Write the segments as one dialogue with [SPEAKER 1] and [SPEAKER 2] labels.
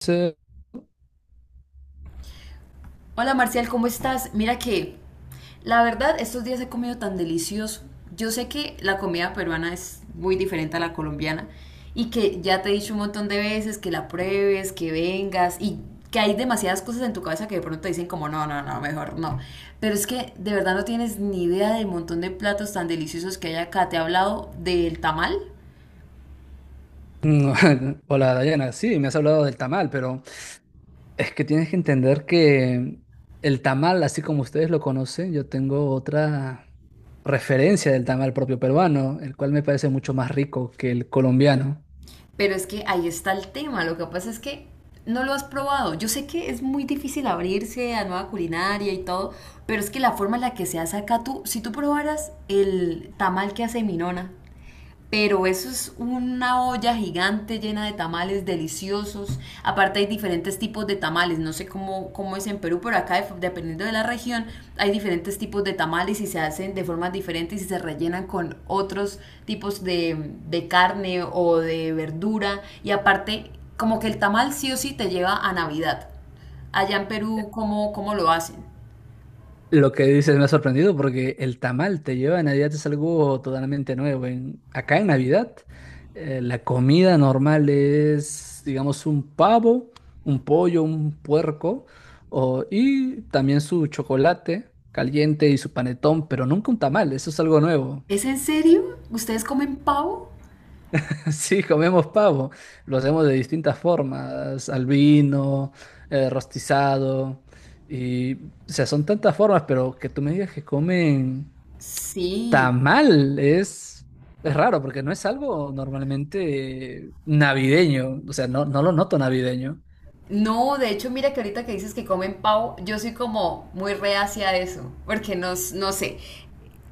[SPEAKER 1] Sí,
[SPEAKER 2] Hola Marcial, ¿cómo estás? Mira que la verdad estos días he comido tan delicioso. Yo sé que la comida peruana es muy diferente a la colombiana y que ya te he dicho un montón de veces que la pruebes, que vengas y que hay demasiadas cosas en tu cabeza que de pronto te dicen como no, no, no, mejor no. Pero es que de verdad no tienes ni idea del montón de platos tan deliciosos que hay acá. Te he hablado del tamal.
[SPEAKER 1] no, Hola Dayana, sí, me has hablado del tamal, pero es que tienes que entender que el tamal, así como ustedes lo conocen, yo tengo otra referencia del tamal propio peruano, el cual me parece mucho más rico que el colombiano.
[SPEAKER 2] Pero es que ahí está el tema. Lo que pasa es que no lo has probado. Yo sé que es muy difícil abrirse a nueva culinaria y todo, pero es que la forma en la que se hace acá tú, si tú probaras el tamal que hace mi nona, pero eso es una olla gigante llena de tamales deliciosos. Aparte hay diferentes tipos de tamales, no sé cómo, cómo es en Perú, pero acá dependiendo de la región hay diferentes tipos de tamales y se hacen de formas diferentes y se rellenan con otros tipos de carne o de verdura. Y aparte, como que el tamal sí o sí te lleva a Navidad. Allá en Perú, ¿cómo, cómo lo hacen?
[SPEAKER 1] Lo que dices me ha sorprendido porque el tamal te lleva a Navidad es algo totalmente nuevo. Acá en Navidad, la comida normal es, digamos, un pavo, un pollo, un puerco y también su chocolate caliente y su panetón, pero nunca un tamal, eso es algo nuevo.
[SPEAKER 2] ¿Es en serio? ¿Ustedes comen pavo?
[SPEAKER 1] Sí, comemos pavo, lo hacemos de distintas formas, al vino, rostizado y, o sea, son tantas formas, pero que tú me digas que comen.
[SPEAKER 2] Sí.
[SPEAKER 1] Tamal es raro porque no es algo normalmente navideño, o sea, no, no lo noto navideño.
[SPEAKER 2] No, de hecho, mira que ahorita que dices que comen pavo, yo soy como muy reacia a eso, porque no, no sé,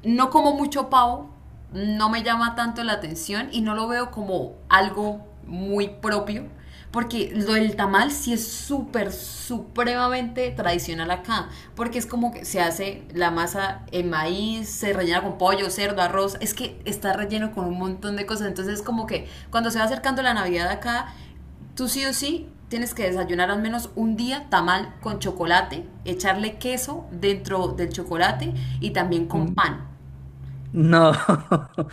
[SPEAKER 2] no como mucho pavo, no me llama tanto la atención y no lo veo como algo muy propio, porque lo del tamal sí es súper, supremamente tradicional acá, porque es como que se hace la masa en maíz, se rellena con pollo, cerdo, arroz, es que está relleno con un montón de cosas, entonces como que cuando se va acercando la Navidad acá, tú sí o sí tienes que desayunar al menos un día tamal con chocolate, echarle queso dentro del chocolate y también con
[SPEAKER 1] Mm,
[SPEAKER 2] pan.
[SPEAKER 1] no,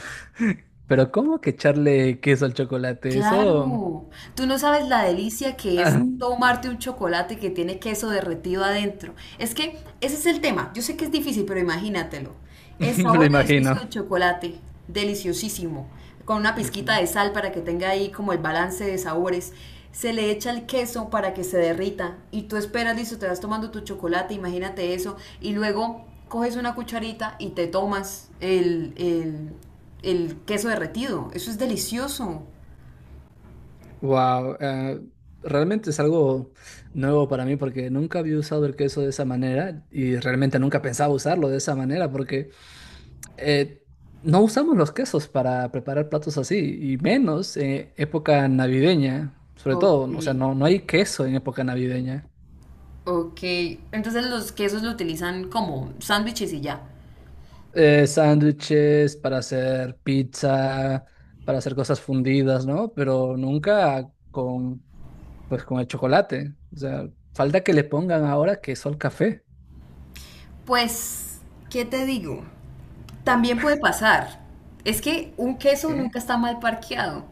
[SPEAKER 1] pero ¿cómo que echarle queso al chocolate?
[SPEAKER 2] Claro, tú no sabes la delicia que es
[SPEAKER 1] Ah,
[SPEAKER 2] tomarte un chocolate que tiene queso derretido adentro. Es que ese es el tema. Yo sé que es difícil, pero imagínatelo. El
[SPEAKER 1] lo
[SPEAKER 2] sabor delicioso
[SPEAKER 1] imagino.
[SPEAKER 2] del chocolate, deliciosísimo, con una pizquita de sal para que tenga ahí como el balance de sabores. Se le echa el queso para que se derrita y tú esperas, listo, te vas tomando tu chocolate, imagínate eso, y luego coges una cucharita y te tomas el queso derretido. Eso es delicioso.
[SPEAKER 1] Wow, realmente es algo nuevo para mí porque nunca había usado el queso de esa manera y realmente nunca pensaba usarlo de esa manera porque eh, no usamos los quesos para preparar platos así, y menos en época navideña, sobre
[SPEAKER 2] Ok,
[SPEAKER 1] todo, o sea, no, no hay queso en época navideña.
[SPEAKER 2] ok. Entonces los quesos lo utilizan como sándwiches y ya.
[SPEAKER 1] Sándwiches para hacer pizza, para hacer cosas fundidas, ¿no? Pero nunca con, pues, con el chocolate. O sea, falta que le pongan ahora queso al café.
[SPEAKER 2] Pues, ¿qué te digo? También puede pasar. Es que un queso nunca
[SPEAKER 1] ¿Qué?
[SPEAKER 2] está mal parqueado.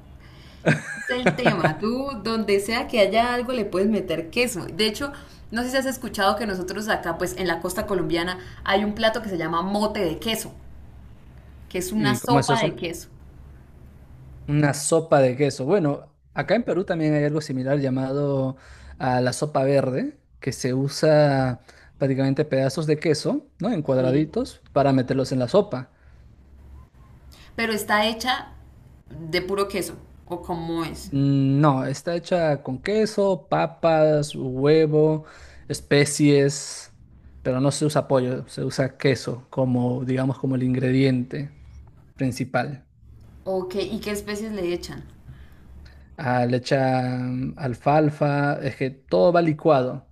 [SPEAKER 2] Es el tema. Tú, donde sea que haya algo, le puedes meter queso. De hecho, no sé si has escuchado que nosotros acá, pues en la costa colombiana, hay un plato que se llama mote de queso, que es una
[SPEAKER 1] ¿Y cómo es
[SPEAKER 2] sopa de
[SPEAKER 1] eso?
[SPEAKER 2] queso.
[SPEAKER 1] Una sopa de queso. Bueno, acá en Perú también hay algo similar llamado a la sopa verde, que se usa prácticamente pedazos de queso, ¿no? En
[SPEAKER 2] Sí.
[SPEAKER 1] cuadraditos para meterlos en la sopa.
[SPEAKER 2] Pero está hecha de puro queso, o cómo es.
[SPEAKER 1] Mm, no, está hecha con queso, papas, huevo, especies, pero no se usa pollo, se usa queso como, digamos, como el ingrediente principal.
[SPEAKER 2] Ok, ¿y qué especies le echan?
[SPEAKER 1] Ah, le echan alfalfa, es que todo va licuado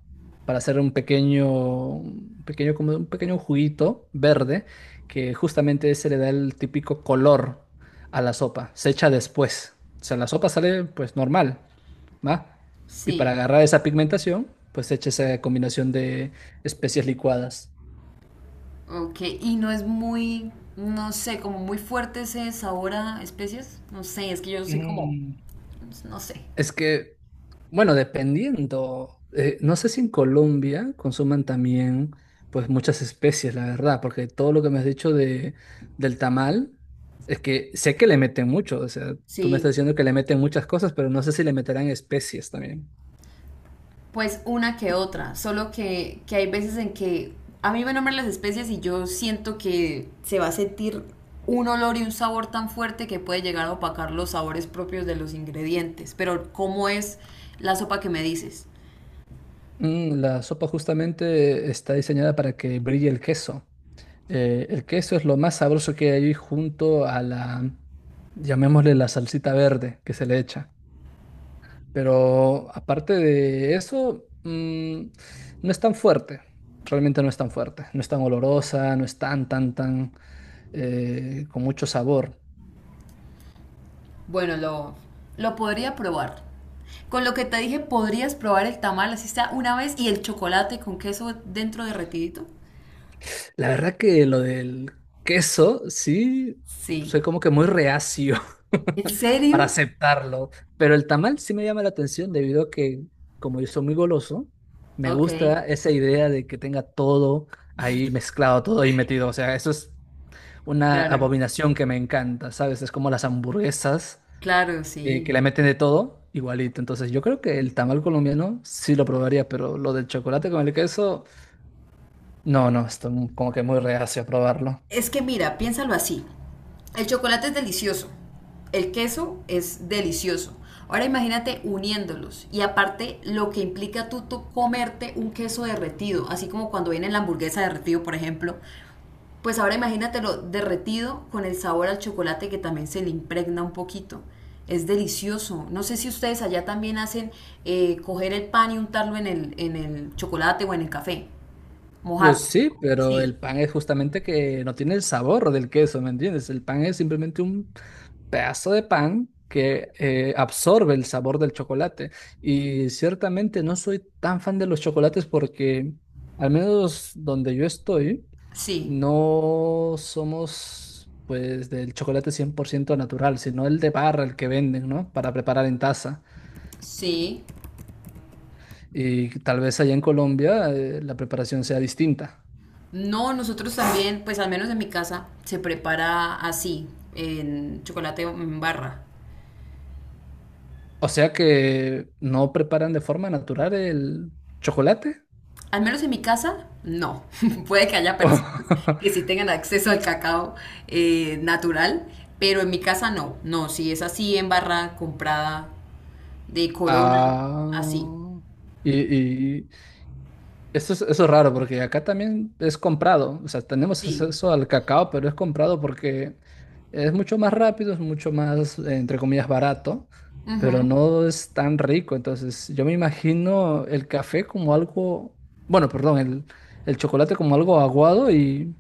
[SPEAKER 1] para hacer como un pequeño juguito verde que justamente ese le da el típico color a la sopa. Se echa después. O sea, la sopa sale pues normal, ¿va? Y para
[SPEAKER 2] Sí,
[SPEAKER 1] agarrar esa pigmentación, pues se echa esa combinación de especias licuadas.
[SPEAKER 2] ok. Y no es muy, no sé, como muy fuerte ese sabor a especies. No sé, es que yo soy como,
[SPEAKER 1] Mm.
[SPEAKER 2] no sé.
[SPEAKER 1] Es que, bueno, dependiendo, no sé si en Colombia consuman también, pues muchas especies, la verdad, porque todo lo que me has dicho del tamal, es que sé que le meten mucho, o sea, tú me estás
[SPEAKER 2] Sí,
[SPEAKER 1] diciendo que le meten muchas cosas, pero no sé si le meterán especies también.
[SPEAKER 2] pues una que otra. Solo que hay veces en que a mí me nombran las especies y yo siento que se va a sentir un olor y un sabor tan fuerte que puede llegar a opacar los sabores propios de los ingredientes. Pero, ¿cómo es la sopa que me dices?
[SPEAKER 1] La sopa justamente está diseñada para que brille el queso. El queso es lo más sabroso que hay junto a llamémosle la salsita verde que se le echa. Pero aparte de eso, no es tan fuerte. Realmente no es tan fuerte. No es tan olorosa, no es tan con mucho sabor.
[SPEAKER 2] Bueno, lo podría probar. Con lo que te dije, podrías probar el tamal, así está, una vez, y el chocolate con queso dentro derretidito.
[SPEAKER 1] La verdad que lo del queso, sí,
[SPEAKER 2] Sí.
[SPEAKER 1] soy como que muy reacio
[SPEAKER 2] ¿En serio?
[SPEAKER 1] para aceptarlo. Pero el tamal sí me llama la atención debido a que, como yo soy muy goloso, me
[SPEAKER 2] Ok,
[SPEAKER 1] gusta esa idea de que tenga todo ahí mezclado, todo ahí metido. O sea, eso es una
[SPEAKER 2] claro,
[SPEAKER 1] abominación que me encanta, ¿sabes? Es como las hamburguesas
[SPEAKER 2] claro,
[SPEAKER 1] que
[SPEAKER 2] sí.
[SPEAKER 1] le meten de todo, igualito. Entonces, yo creo que el tamal colombiano sí lo probaría, pero lo del chocolate con el queso, no, no, estoy como que muy reacio a probarlo.
[SPEAKER 2] Es que mira, piénsalo así. El chocolate es delicioso, el queso es delicioso. Ahora imagínate uniéndolos y aparte lo que implica tú, tú comerte un queso derretido, así como cuando viene la hamburguesa derretido, por ejemplo, pues ahora imagínatelo derretido con el sabor al chocolate que también se le impregna un poquito. Es delicioso. No sé si ustedes allá también hacen coger el pan y untarlo en el chocolate o en el café. Mojarlo.
[SPEAKER 1] Pues sí, pero el
[SPEAKER 2] Sí,
[SPEAKER 1] pan es justamente que no tiene el sabor del queso, ¿me entiendes? El pan es simplemente un pedazo de pan que absorbe el sabor del chocolate. Y ciertamente no soy tan fan de los chocolates porque, al menos donde yo estoy,
[SPEAKER 2] sí,
[SPEAKER 1] no somos pues del chocolate 100% natural, sino el de barra, el que venden, ¿no? Para preparar en taza.
[SPEAKER 2] sí.
[SPEAKER 1] Y tal vez allá en Colombia la preparación sea distinta.
[SPEAKER 2] No, nosotros también, pues al menos en mi casa, se prepara así, en chocolate en barra.
[SPEAKER 1] O sea que no preparan de forma natural el chocolate.
[SPEAKER 2] Al menos en mi casa, no. Puede que haya personas que sí tengan acceso al cacao natural, pero en mi casa no. No, si es así en barra comprada de Corona, así.
[SPEAKER 1] Ah, y, y eso es raro porque acá también es comprado, o sea, tenemos
[SPEAKER 2] Sí.
[SPEAKER 1] acceso al cacao, pero es comprado porque es mucho más rápido, es mucho más, entre comillas, barato, pero
[SPEAKER 2] Ujú.
[SPEAKER 1] no es tan rico. Entonces, yo me imagino el café como algo, bueno, perdón, el chocolate como algo aguado y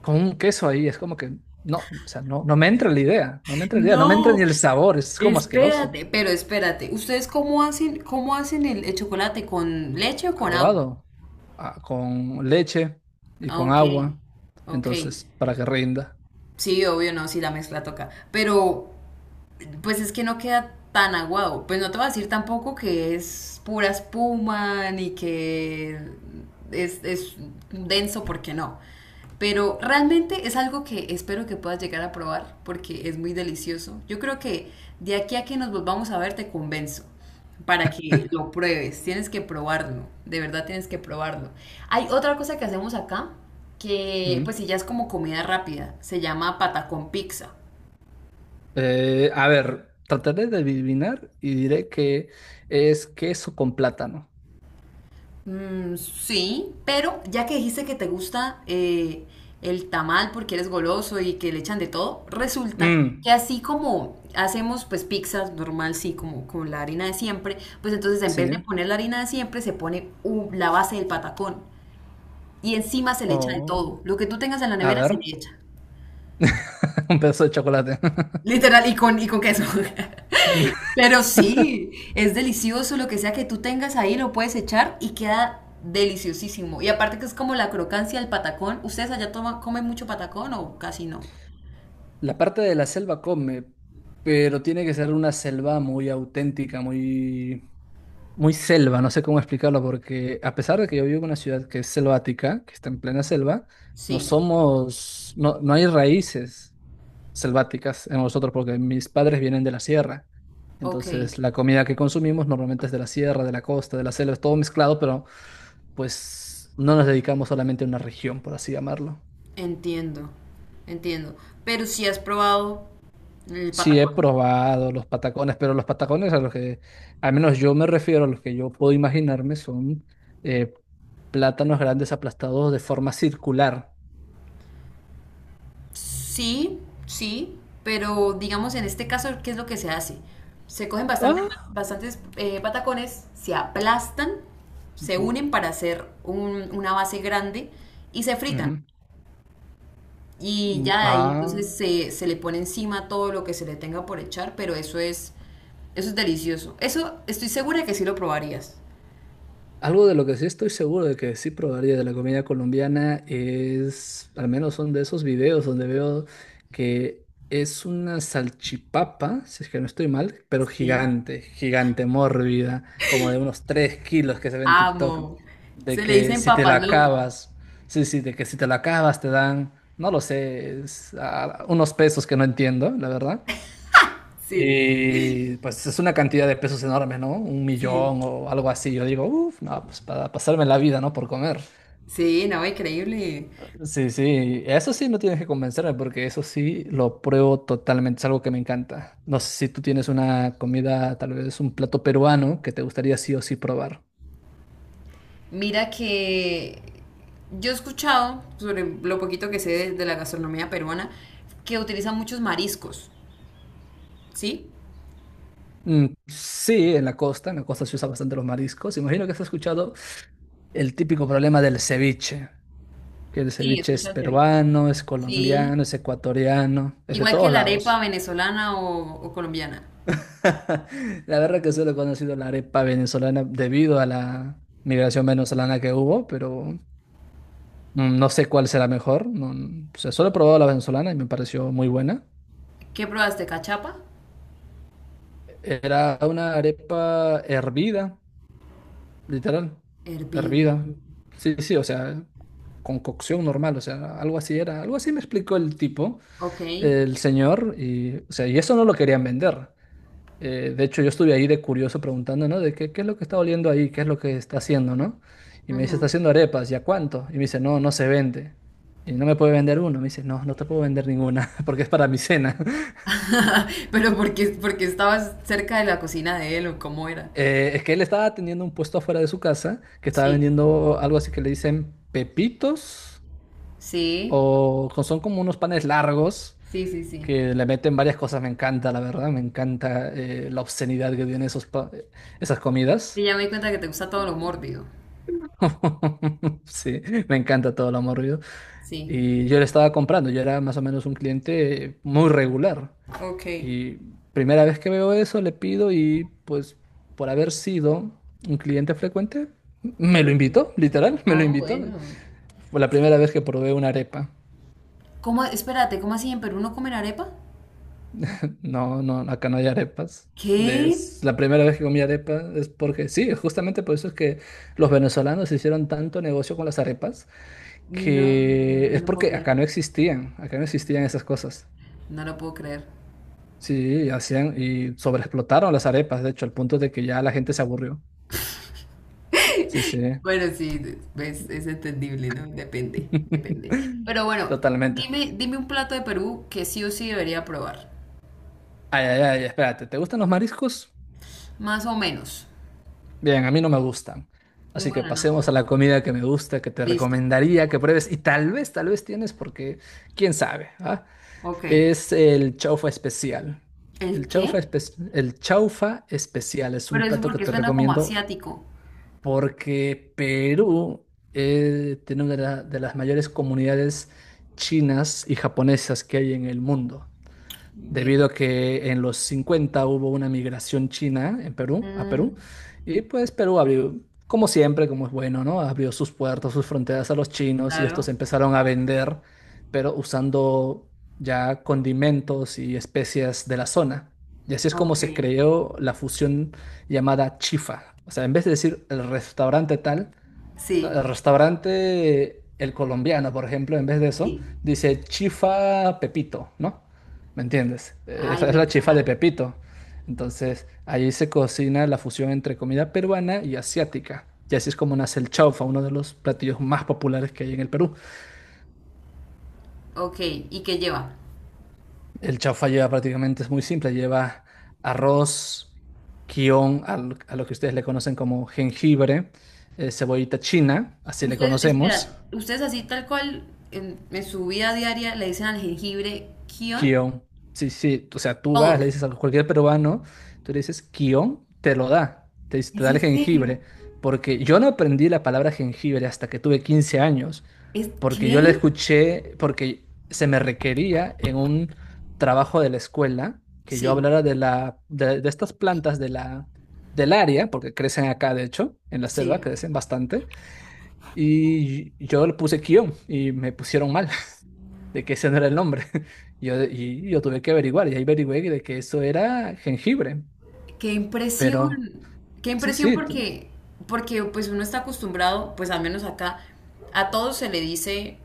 [SPEAKER 1] con un queso ahí, es como que no, o sea, no, no me entra la idea, no me entra la idea, no me entra ni
[SPEAKER 2] No,
[SPEAKER 1] el sabor, es como asqueroso.
[SPEAKER 2] espérate, pero espérate. ¿Ustedes cómo hacen el chocolate? ¿Con leche o con agua?
[SPEAKER 1] Aguado, ah, con leche y
[SPEAKER 2] Ah,
[SPEAKER 1] con
[SPEAKER 2] ok,
[SPEAKER 1] agua,
[SPEAKER 2] ok.
[SPEAKER 1] entonces, para que rinda.
[SPEAKER 2] Sí, obvio, no, sí la mezcla toca. Pero pues es que no queda tan aguado. Pues no te voy a decir tampoco que es pura espuma ni que es denso porque no. Pero realmente es algo que espero que puedas llegar a probar porque es muy delicioso. Yo creo que de aquí a que nos volvamos a ver te convenzo para que lo pruebes. Tienes que probarlo, de verdad tienes que probarlo. Hay otra cosa que hacemos acá que
[SPEAKER 1] Ujú.
[SPEAKER 2] pues si ya es como comida rápida, se llama patacón pizza.
[SPEAKER 1] A ver, trataré de adivinar y diré que es queso con plátano.
[SPEAKER 2] Mm, sí, pero ya que dijiste que te gusta el tamal porque eres goloso y que le echan de todo, resulta que
[SPEAKER 1] Mm,
[SPEAKER 2] así como hacemos pues pizzas normal, sí, como con la harina de siempre, pues entonces en vez de
[SPEAKER 1] sí.
[SPEAKER 2] poner la harina de siempre se pone la base del patacón y encima se le echa de todo.
[SPEAKER 1] Oh,
[SPEAKER 2] Lo que tú tengas en la
[SPEAKER 1] a
[SPEAKER 2] nevera
[SPEAKER 1] ver,
[SPEAKER 2] se le echa.
[SPEAKER 1] un pedazo de chocolate.
[SPEAKER 2] Literal, y con queso. Pero sí, es delicioso lo que sea que tú tengas ahí, lo puedes echar y queda deliciosísimo. Y aparte que es como la crocancia del patacón. ¿Ustedes allá toman, comen mucho patacón o casi no?
[SPEAKER 1] La parte de la selva come, pero tiene que ser una selva muy auténtica, muy muy selva, no sé cómo explicarlo, porque a pesar de que yo vivo en una ciudad que es selvática, que está en plena selva,
[SPEAKER 2] Sí,
[SPEAKER 1] no, no hay raíces selváticas en nosotros, porque mis padres vienen de la sierra.
[SPEAKER 2] ok,
[SPEAKER 1] Entonces, la comida que consumimos normalmente es de la sierra, de la costa, de la selva, es todo mezclado, pero pues no nos dedicamos solamente a una región, por así llamarlo.
[SPEAKER 2] entiendo, entiendo. Pero si has probado el
[SPEAKER 1] Sí, he
[SPEAKER 2] patacón.
[SPEAKER 1] probado los patacones, pero los patacones a los que, al menos yo me refiero, a los que yo puedo imaginarme, son eh, plátanos grandes aplastados de forma circular.
[SPEAKER 2] Sí, sí, pero digamos en este caso, ¿qué es lo que se hace? Se cogen bastante,
[SPEAKER 1] Ah,
[SPEAKER 2] bastantes patacones, se aplastan, se
[SPEAKER 1] ujú,
[SPEAKER 2] unen para hacer una base grande y se fritan.
[SPEAKER 1] ujú.
[SPEAKER 2] Y
[SPEAKER 1] Mm,
[SPEAKER 2] ya ahí
[SPEAKER 1] ah.
[SPEAKER 2] entonces se le pone encima todo lo que se le tenga por echar, pero eso es delicioso. Eso estoy segura que sí lo probarías.
[SPEAKER 1] Algo de lo que sí estoy seguro de que sí probaría de la comida colombiana es, al menos son de esos videos donde veo que es una salchipapa, si es que no estoy mal, pero
[SPEAKER 2] Sí.
[SPEAKER 1] gigante, gigante, mórbida, como de unos 3 kilos que se ve en TikTok,
[SPEAKER 2] Amo.
[SPEAKER 1] de
[SPEAKER 2] Se le
[SPEAKER 1] que
[SPEAKER 2] dicen
[SPEAKER 1] si te la
[SPEAKER 2] papas locas.
[SPEAKER 1] acabas, sí, sí, de que si te la acabas te dan, no lo sé, ah, unos pesos que no entiendo, la verdad,
[SPEAKER 2] Sí,
[SPEAKER 1] y pues es una cantidad de pesos enorme, ¿no? Un millón
[SPEAKER 2] sí.
[SPEAKER 1] o algo así. Yo digo, uff, no, pues para pasarme la vida, ¿no? Por comer.
[SPEAKER 2] Sí, no, increíble.
[SPEAKER 1] Sí, sí, eso sí no tienes que convencerme porque eso sí lo pruebo totalmente, es algo que me encanta. No sé si tú tienes una comida, tal vez un plato peruano que te gustaría sí o sí probar.
[SPEAKER 2] Mira que yo he escuchado, sobre lo poquito que sé de la gastronomía peruana, que utilizan muchos mariscos. ¿Sí?
[SPEAKER 1] Mm, sí, en la costa se usa bastante los mariscos. Imagino que has escuchado el típico problema del ceviche, que el
[SPEAKER 2] Sí,
[SPEAKER 1] ceviche es
[SPEAKER 2] escucha el ceviche.
[SPEAKER 1] peruano, es
[SPEAKER 2] Sí.
[SPEAKER 1] colombiano, es ecuatoriano, es de
[SPEAKER 2] Igual que
[SPEAKER 1] todos
[SPEAKER 2] la arepa
[SPEAKER 1] lados.
[SPEAKER 2] venezolana o colombiana.
[SPEAKER 1] La verdad que solo he conocido la arepa venezolana debido a la migración venezolana que hubo, pero no sé cuál será mejor. O sea, solo he probado la venezolana y me pareció muy buena.
[SPEAKER 2] ¿Qué probaste? ¿Cachapa?
[SPEAKER 1] Era una arepa hervida, literal,
[SPEAKER 2] Hervida.
[SPEAKER 1] hervida. Sí, sí, o sea, con cocción normal, o sea, algo así era. Algo así me explicó el tipo,
[SPEAKER 2] Ok.
[SPEAKER 1] el señor, o sea, y eso no lo querían vender. De hecho, yo estuve ahí de curioso preguntando, ¿no? Qué es lo que está oliendo ahí, qué es lo que está haciendo, ¿no? Y me dice, está
[SPEAKER 2] Ujú.
[SPEAKER 1] haciendo arepas, ¿y a cuánto? Y me dice, no, no se vende. Y no me puede vender uno. Me dice, no, no te puedo vender ninguna porque es para mi cena.
[SPEAKER 2] Pero porque, porque estabas cerca de la cocina de él o cómo era.
[SPEAKER 1] Es que él estaba teniendo un puesto afuera de su casa que estaba
[SPEAKER 2] Sí.
[SPEAKER 1] vendiendo algo así que le dicen pepitos
[SPEAKER 2] Sí.
[SPEAKER 1] son como unos panes largos
[SPEAKER 2] Sí, sí, sí.
[SPEAKER 1] que le meten varias cosas. Me encanta, la verdad, me encanta la obscenidad que tienen esas
[SPEAKER 2] Sí,
[SPEAKER 1] comidas.
[SPEAKER 2] ya me di cuenta que te gusta todo lo mórbido.
[SPEAKER 1] Sí, me encanta todo lo amorrido.
[SPEAKER 2] Sí.
[SPEAKER 1] Y yo le estaba comprando, yo era más o menos un cliente muy regular.
[SPEAKER 2] Ok.
[SPEAKER 1] Y primera vez que veo eso, le pido y pues por haber sido un cliente frecuente,
[SPEAKER 2] Te
[SPEAKER 1] me lo
[SPEAKER 2] lo digo.
[SPEAKER 1] invitó, literal, me lo
[SPEAKER 2] Oh,
[SPEAKER 1] invitó.
[SPEAKER 2] bueno.
[SPEAKER 1] Fue la primera vez que probé una arepa.
[SPEAKER 2] ¿Cómo? Espérate, ¿cómo así en Perú no comen arepa?
[SPEAKER 1] No, no, acá no hay arepas.
[SPEAKER 2] ¿Qué?
[SPEAKER 1] Es la primera vez que comí arepa es porque sí, justamente por eso es que los venezolanos hicieron tanto negocio con las arepas
[SPEAKER 2] No,
[SPEAKER 1] que
[SPEAKER 2] no
[SPEAKER 1] es
[SPEAKER 2] lo puedo
[SPEAKER 1] porque
[SPEAKER 2] creer.
[SPEAKER 1] acá no existían esas cosas.
[SPEAKER 2] No lo puedo creer.
[SPEAKER 1] Sí, hacían y sobreexplotaron las arepas, de hecho, al punto de que ya la gente se aburrió. Sí, sí.
[SPEAKER 2] Bueno, sí, es entendible, ¿no? Depende, depende. Pero bueno,
[SPEAKER 1] Totalmente.
[SPEAKER 2] dime, dime un plato de Perú que sí o sí debería probar.
[SPEAKER 1] Ay, ay, ay, espérate, ¿te gustan los mariscos?
[SPEAKER 2] Más o menos.
[SPEAKER 1] Bien, a mí no me gustan. Así que
[SPEAKER 2] Bueno, no.
[SPEAKER 1] pasemos a la comida que me gusta, que te
[SPEAKER 2] Listo.
[SPEAKER 1] recomendaría que pruebes y tal vez tienes porque quién sabe, ¿ah?
[SPEAKER 2] Ok.
[SPEAKER 1] Es el chaufa especial.
[SPEAKER 2] ¿El
[SPEAKER 1] El chaufa,
[SPEAKER 2] qué?
[SPEAKER 1] espe- el chaufa especial es
[SPEAKER 2] Pero
[SPEAKER 1] un
[SPEAKER 2] eso
[SPEAKER 1] plato que
[SPEAKER 2] porque
[SPEAKER 1] te
[SPEAKER 2] suena como
[SPEAKER 1] recomiendo
[SPEAKER 2] asiático.
[SPEAKER 1] porque Perú tiene una de las mayores comunidades chinas y japonesas que hay en el mundo
[SPEAKER 2] Ve.
[SPEAKER 1] debido a que en los 50 hubo una migración china a Perú,
[SPEAKER 2] Mm,
[SPEAKER 1] y pues Perú abrió, como siempre, como es bueno, ¿no? Abrió sus puertos, sus fronteras a los chinos y
[SPEAKER 2] claro.
[SPEAKER 1] estos empezaron a vender, pero usando ya condimentos y especias de la zona. Y así es como
[SPEAKER 2] Ok.
[SPEAKER 1] se creó la fusión llamada chifa. O sea, en vez de decir el restaurante tal, no,
[SPEAKER 2] Sí,
[SPEAKER 1] el restaurante, el colombiano, por ejemplo, en vez de eso,
[SPEAKER 2] sí.
[SPEAKER 1] dice chifa Pepito, ¿no? ¿Me entiendes?
[SPEAKER 2] Ay,
[SPEAKER 1] Esa es
[SPEAKER 2] me
[SPEAKER 1] la chifa de
[SPEAKER 2] encanta.
[SPEAKER 1] Pepito. Entonces, ahí se cocina la fusión entre comida peruana y asiática. Y así es como nace el chaufa, uno de los platillos más populares que hay en el Perú.
[SPEAKER 2] Ok, ¿y qué lleva?
[SPEAKER 1] El chaufa lleva prácticamente, es muy simple, lleva arroz, guión, a lo que ustedes le conocen como jengibre, cebollita china, así le
[SPEAKER 2] Ustedes,
[SPEAKER 1] conocemos.
[SPEAKER 2] espera, ustedes así tal cual en su vida diaria le dicen al jengibre kion.
[SPEAKER 1] Guión. Sí, sí. O sea, tú vas, le
[SPEAKER 2] Todos.
[SPEAKER 1] dices a cualquier peruano, tú le dices guión, te lo da. Te
[SPEAKER 2] ¿Es
[SPEAKER 1] da
[SPEAKER 2] en
[SPEAKER 1] el
[SPEAKER 2] serio?
[SPEAKER 1] jengibre. Porque yo no aprendí la palabra jengibre hasta que tuve 15 años.
[SPEAKER 2] ¿Es
[SPEAKER 1] Porque yo la
[SPEAKER 2] qué?
[SPEAKER 1] escuché, porque se me requería en un trabajo de la escuela que yo
[SPEAKER 2] Sí,
[SPEAKER 1] hablara de estas plantas del área, porque crecen acá, de hecho, en la selva,
[SPEAKER 2] sí.
[SPEAKER 1] crecen bastante. Y yo le puse guión y me pusieron mal de que ese no era el nombre. Y yo tuve que averiguar, y ahí averigüé de que eso era jengibre.
[SPEAKER 2] Qué impresión,
[SPEAKER 1] Pero
[SPEAKER 2] qué
[SPEAKER 1] sí,
[SPEAKER 2] impresión
[SPEAKER 1] sí,
[SPEAKER 2] porque, porque pues uno está acostumbrado, pues al menos acá, a todo se le dice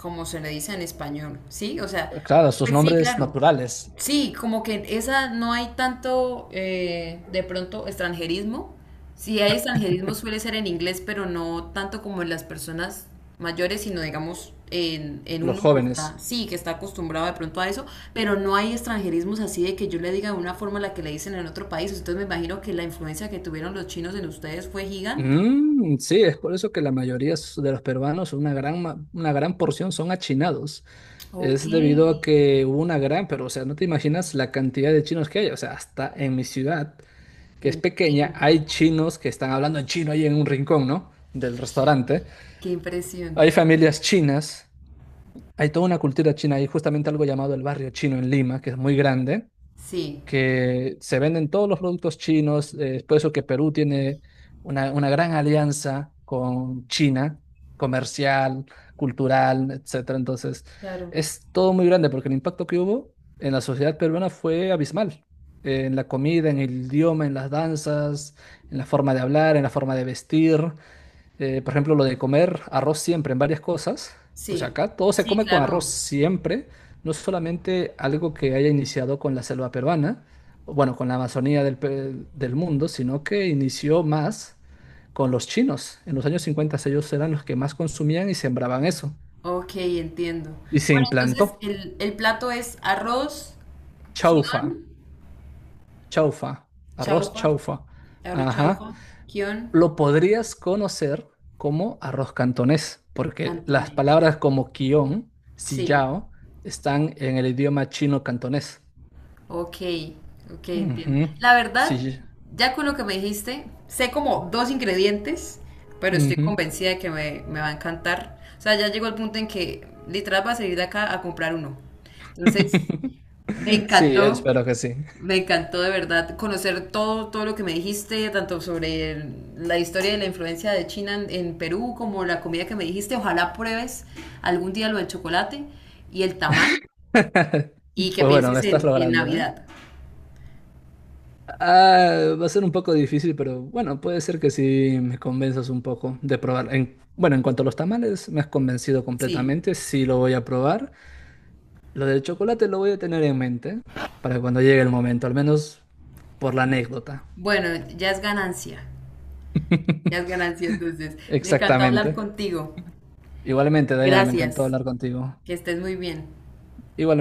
[SPEAKER 2] como se le dice en español, ¿sí? O sea,
[SPEAKER 1] claro, sus
[SPEAKER 2] pues sí,
[SPEAKER 1] nombres
[SPEAKER 2] claro,
[SPEAKER 1] naturales,
[SPEAKER 2] sí, como que en esa no hay tanto de pronto extranjerismo. Si hay extranjerismo suele ser en inglés, pero no tanto como en las personas mayores, sino digamos en
[SPEAKER 1] los
[SPEAKER 2] uno que está,
[SPEAKER 1] jóvenes.
[SPEAKER 2] sí, que está acostumbrado de pronto a eso, pero no hay extranjerismos así de que yo le diga de una forma la que le dicen en otro país. Entonces me imagino que la influencia que tuvieron los chinos en ustedes fue gigante.
[SPEAKER 1] Mm, sí, es por eso que la mayoría de los peruanos, una gran porción son achinados.
[SPEAKER 2] Ok,
[SPEAKER 1] Es debido a que hubo pero o sea, no te imaginas la cantidad de chinos que hay. O sea, hasta en mi ciudad, que es pequeña,
[SPEAKER 2] entiendo.
[SPEAKER 1] hay chinos que están hablando en chino ahí en un rincón, ¿no? Del restaurante.
[SPEAKER 2] Qué
[SPEAKER 1] Hay
[SPEAKER 2] impresión.
[SPEAKER 1] familias chinas. Hay toda una cultura china, hay justamente algo llamado el barrio chino en Lima, que es muy grande,
[SPEAKER 2] Sí,
[SPEAKER 1] que se venden todos los productos chinos, es por eso que Perú tiene una gran alianza con China, comercial, cultural, etcétera. Entonces,
[SPEAKER 2] claro.
[SPEAKER 1] es todo muy grande porque el impacto que hubo en la sociedad peruana fue abismal. En la comida, en el idioma, en las danzas, en la forma de hablar, en la forma de vestir. Por ejemplo, lo de comer arroz siempre en varias cosas. O sea,
[SPEAKER 2] Sí,
[SPEAKER 1] acá todo se
[SPEAKER 2] sí,
[SPEAKER 1] come con arroz
[SPEAKER 2] claro.
[SPEAKER 1] siempre, no solamente algo que haya iniciado con la selva peruana, o bueno, con la Amazonía del mundo, sino que inició más con los chinos. En los años 50 ellos eran los que más consumían y sembraban eso.
[SPEAKER 2] Ok, entiendo.
[SPEAKER 1] Y se
[SPEAKER 2] Bueno, entonces
[SPEAKER 1] implantó
[SPEAKER 2] el plato es arroz, guión,
[SPEAKER 1] chaufa, chaufa, arroz
[SPEAKER 2] chaufa,
[SPEAKER 1] chaufa.
[SPEAKER 2] arroz chaufa,
[SPEAKER 1] Ajá.
[SPEAKER 2] guión,
[SPEAKER 1] Lo podrías conocer como arroz cantonés, porque las
[SPEAKER 2] cantonés.
[SPEAKER 1] palabras como quion,
[SPEAKER 2] Sí,
[SPEAKER 1] sillao, están en el idioma chino-cantonés.
[SPEAKER 2] ok, ok, entiendo.
[SPEAKER 1] Ujú,
[SPEAKER 2] La verdad,
[SPEAKER 1] sí,
[SPEAKER 2] ya con lo que me dijiste, sé como dos ingredientes, pero estoy
[SPEAKER 1] ujú.
[SPEAKER 2] convencida de que me va a encantar. O sea, ya llegó el punto en que literal va a salir de acá a comprar uno. Entonces, me
[SPEAKER 1] Sí,
[SPEAKER 2] encantó.
[SPEAKER 1] espero que sí.
[SPEAKER 2] Me encantó de verdad conocer todo, todo lo que me dijiste, tanto sobre la historia de la influencia de China en Perú, como la comida que me dijiste. Ojalá pruebes algún día lo del chocolate y el tamal y que
[SPEAKER 1] Pues bueno, me
[SPEAKER 2] pienses
[SPEAKER 1] estás
[SPEAKER 2] en
[SPEAKER 1] logrando, ¿eh?
[SPEAKER 2] Navidad.
[SPEAKER 1] Ah, va a ser un poco difícil, pero bueno, puede ser que sí me convenzas un poco de probar. Bueno, en cuanto a los tamales, me has convencido
[SPEAKER 2] Sí.
[SPEAKER 1] completamente, sí lo voy a probar. Lo del chocolate lo voy a tener en mente para cuando llegue el momento, al menos por la anécdota.
[SPEAKER 2] Bueno, ya es ganancia. Ya es ganancia entonces. Me encantó hablar
[SPEAKER 1] Exactamente.
[SPEAKER 2] contigo.
[SPEAKER 1] Igualmente, Dayana, me encantó
[SPEAKER 2] Gracias.
[SPEAKER 1] hablar contigo.
[SPEAKER 2] Que estés muy bien.
[SPEAKER 1] Igualmente.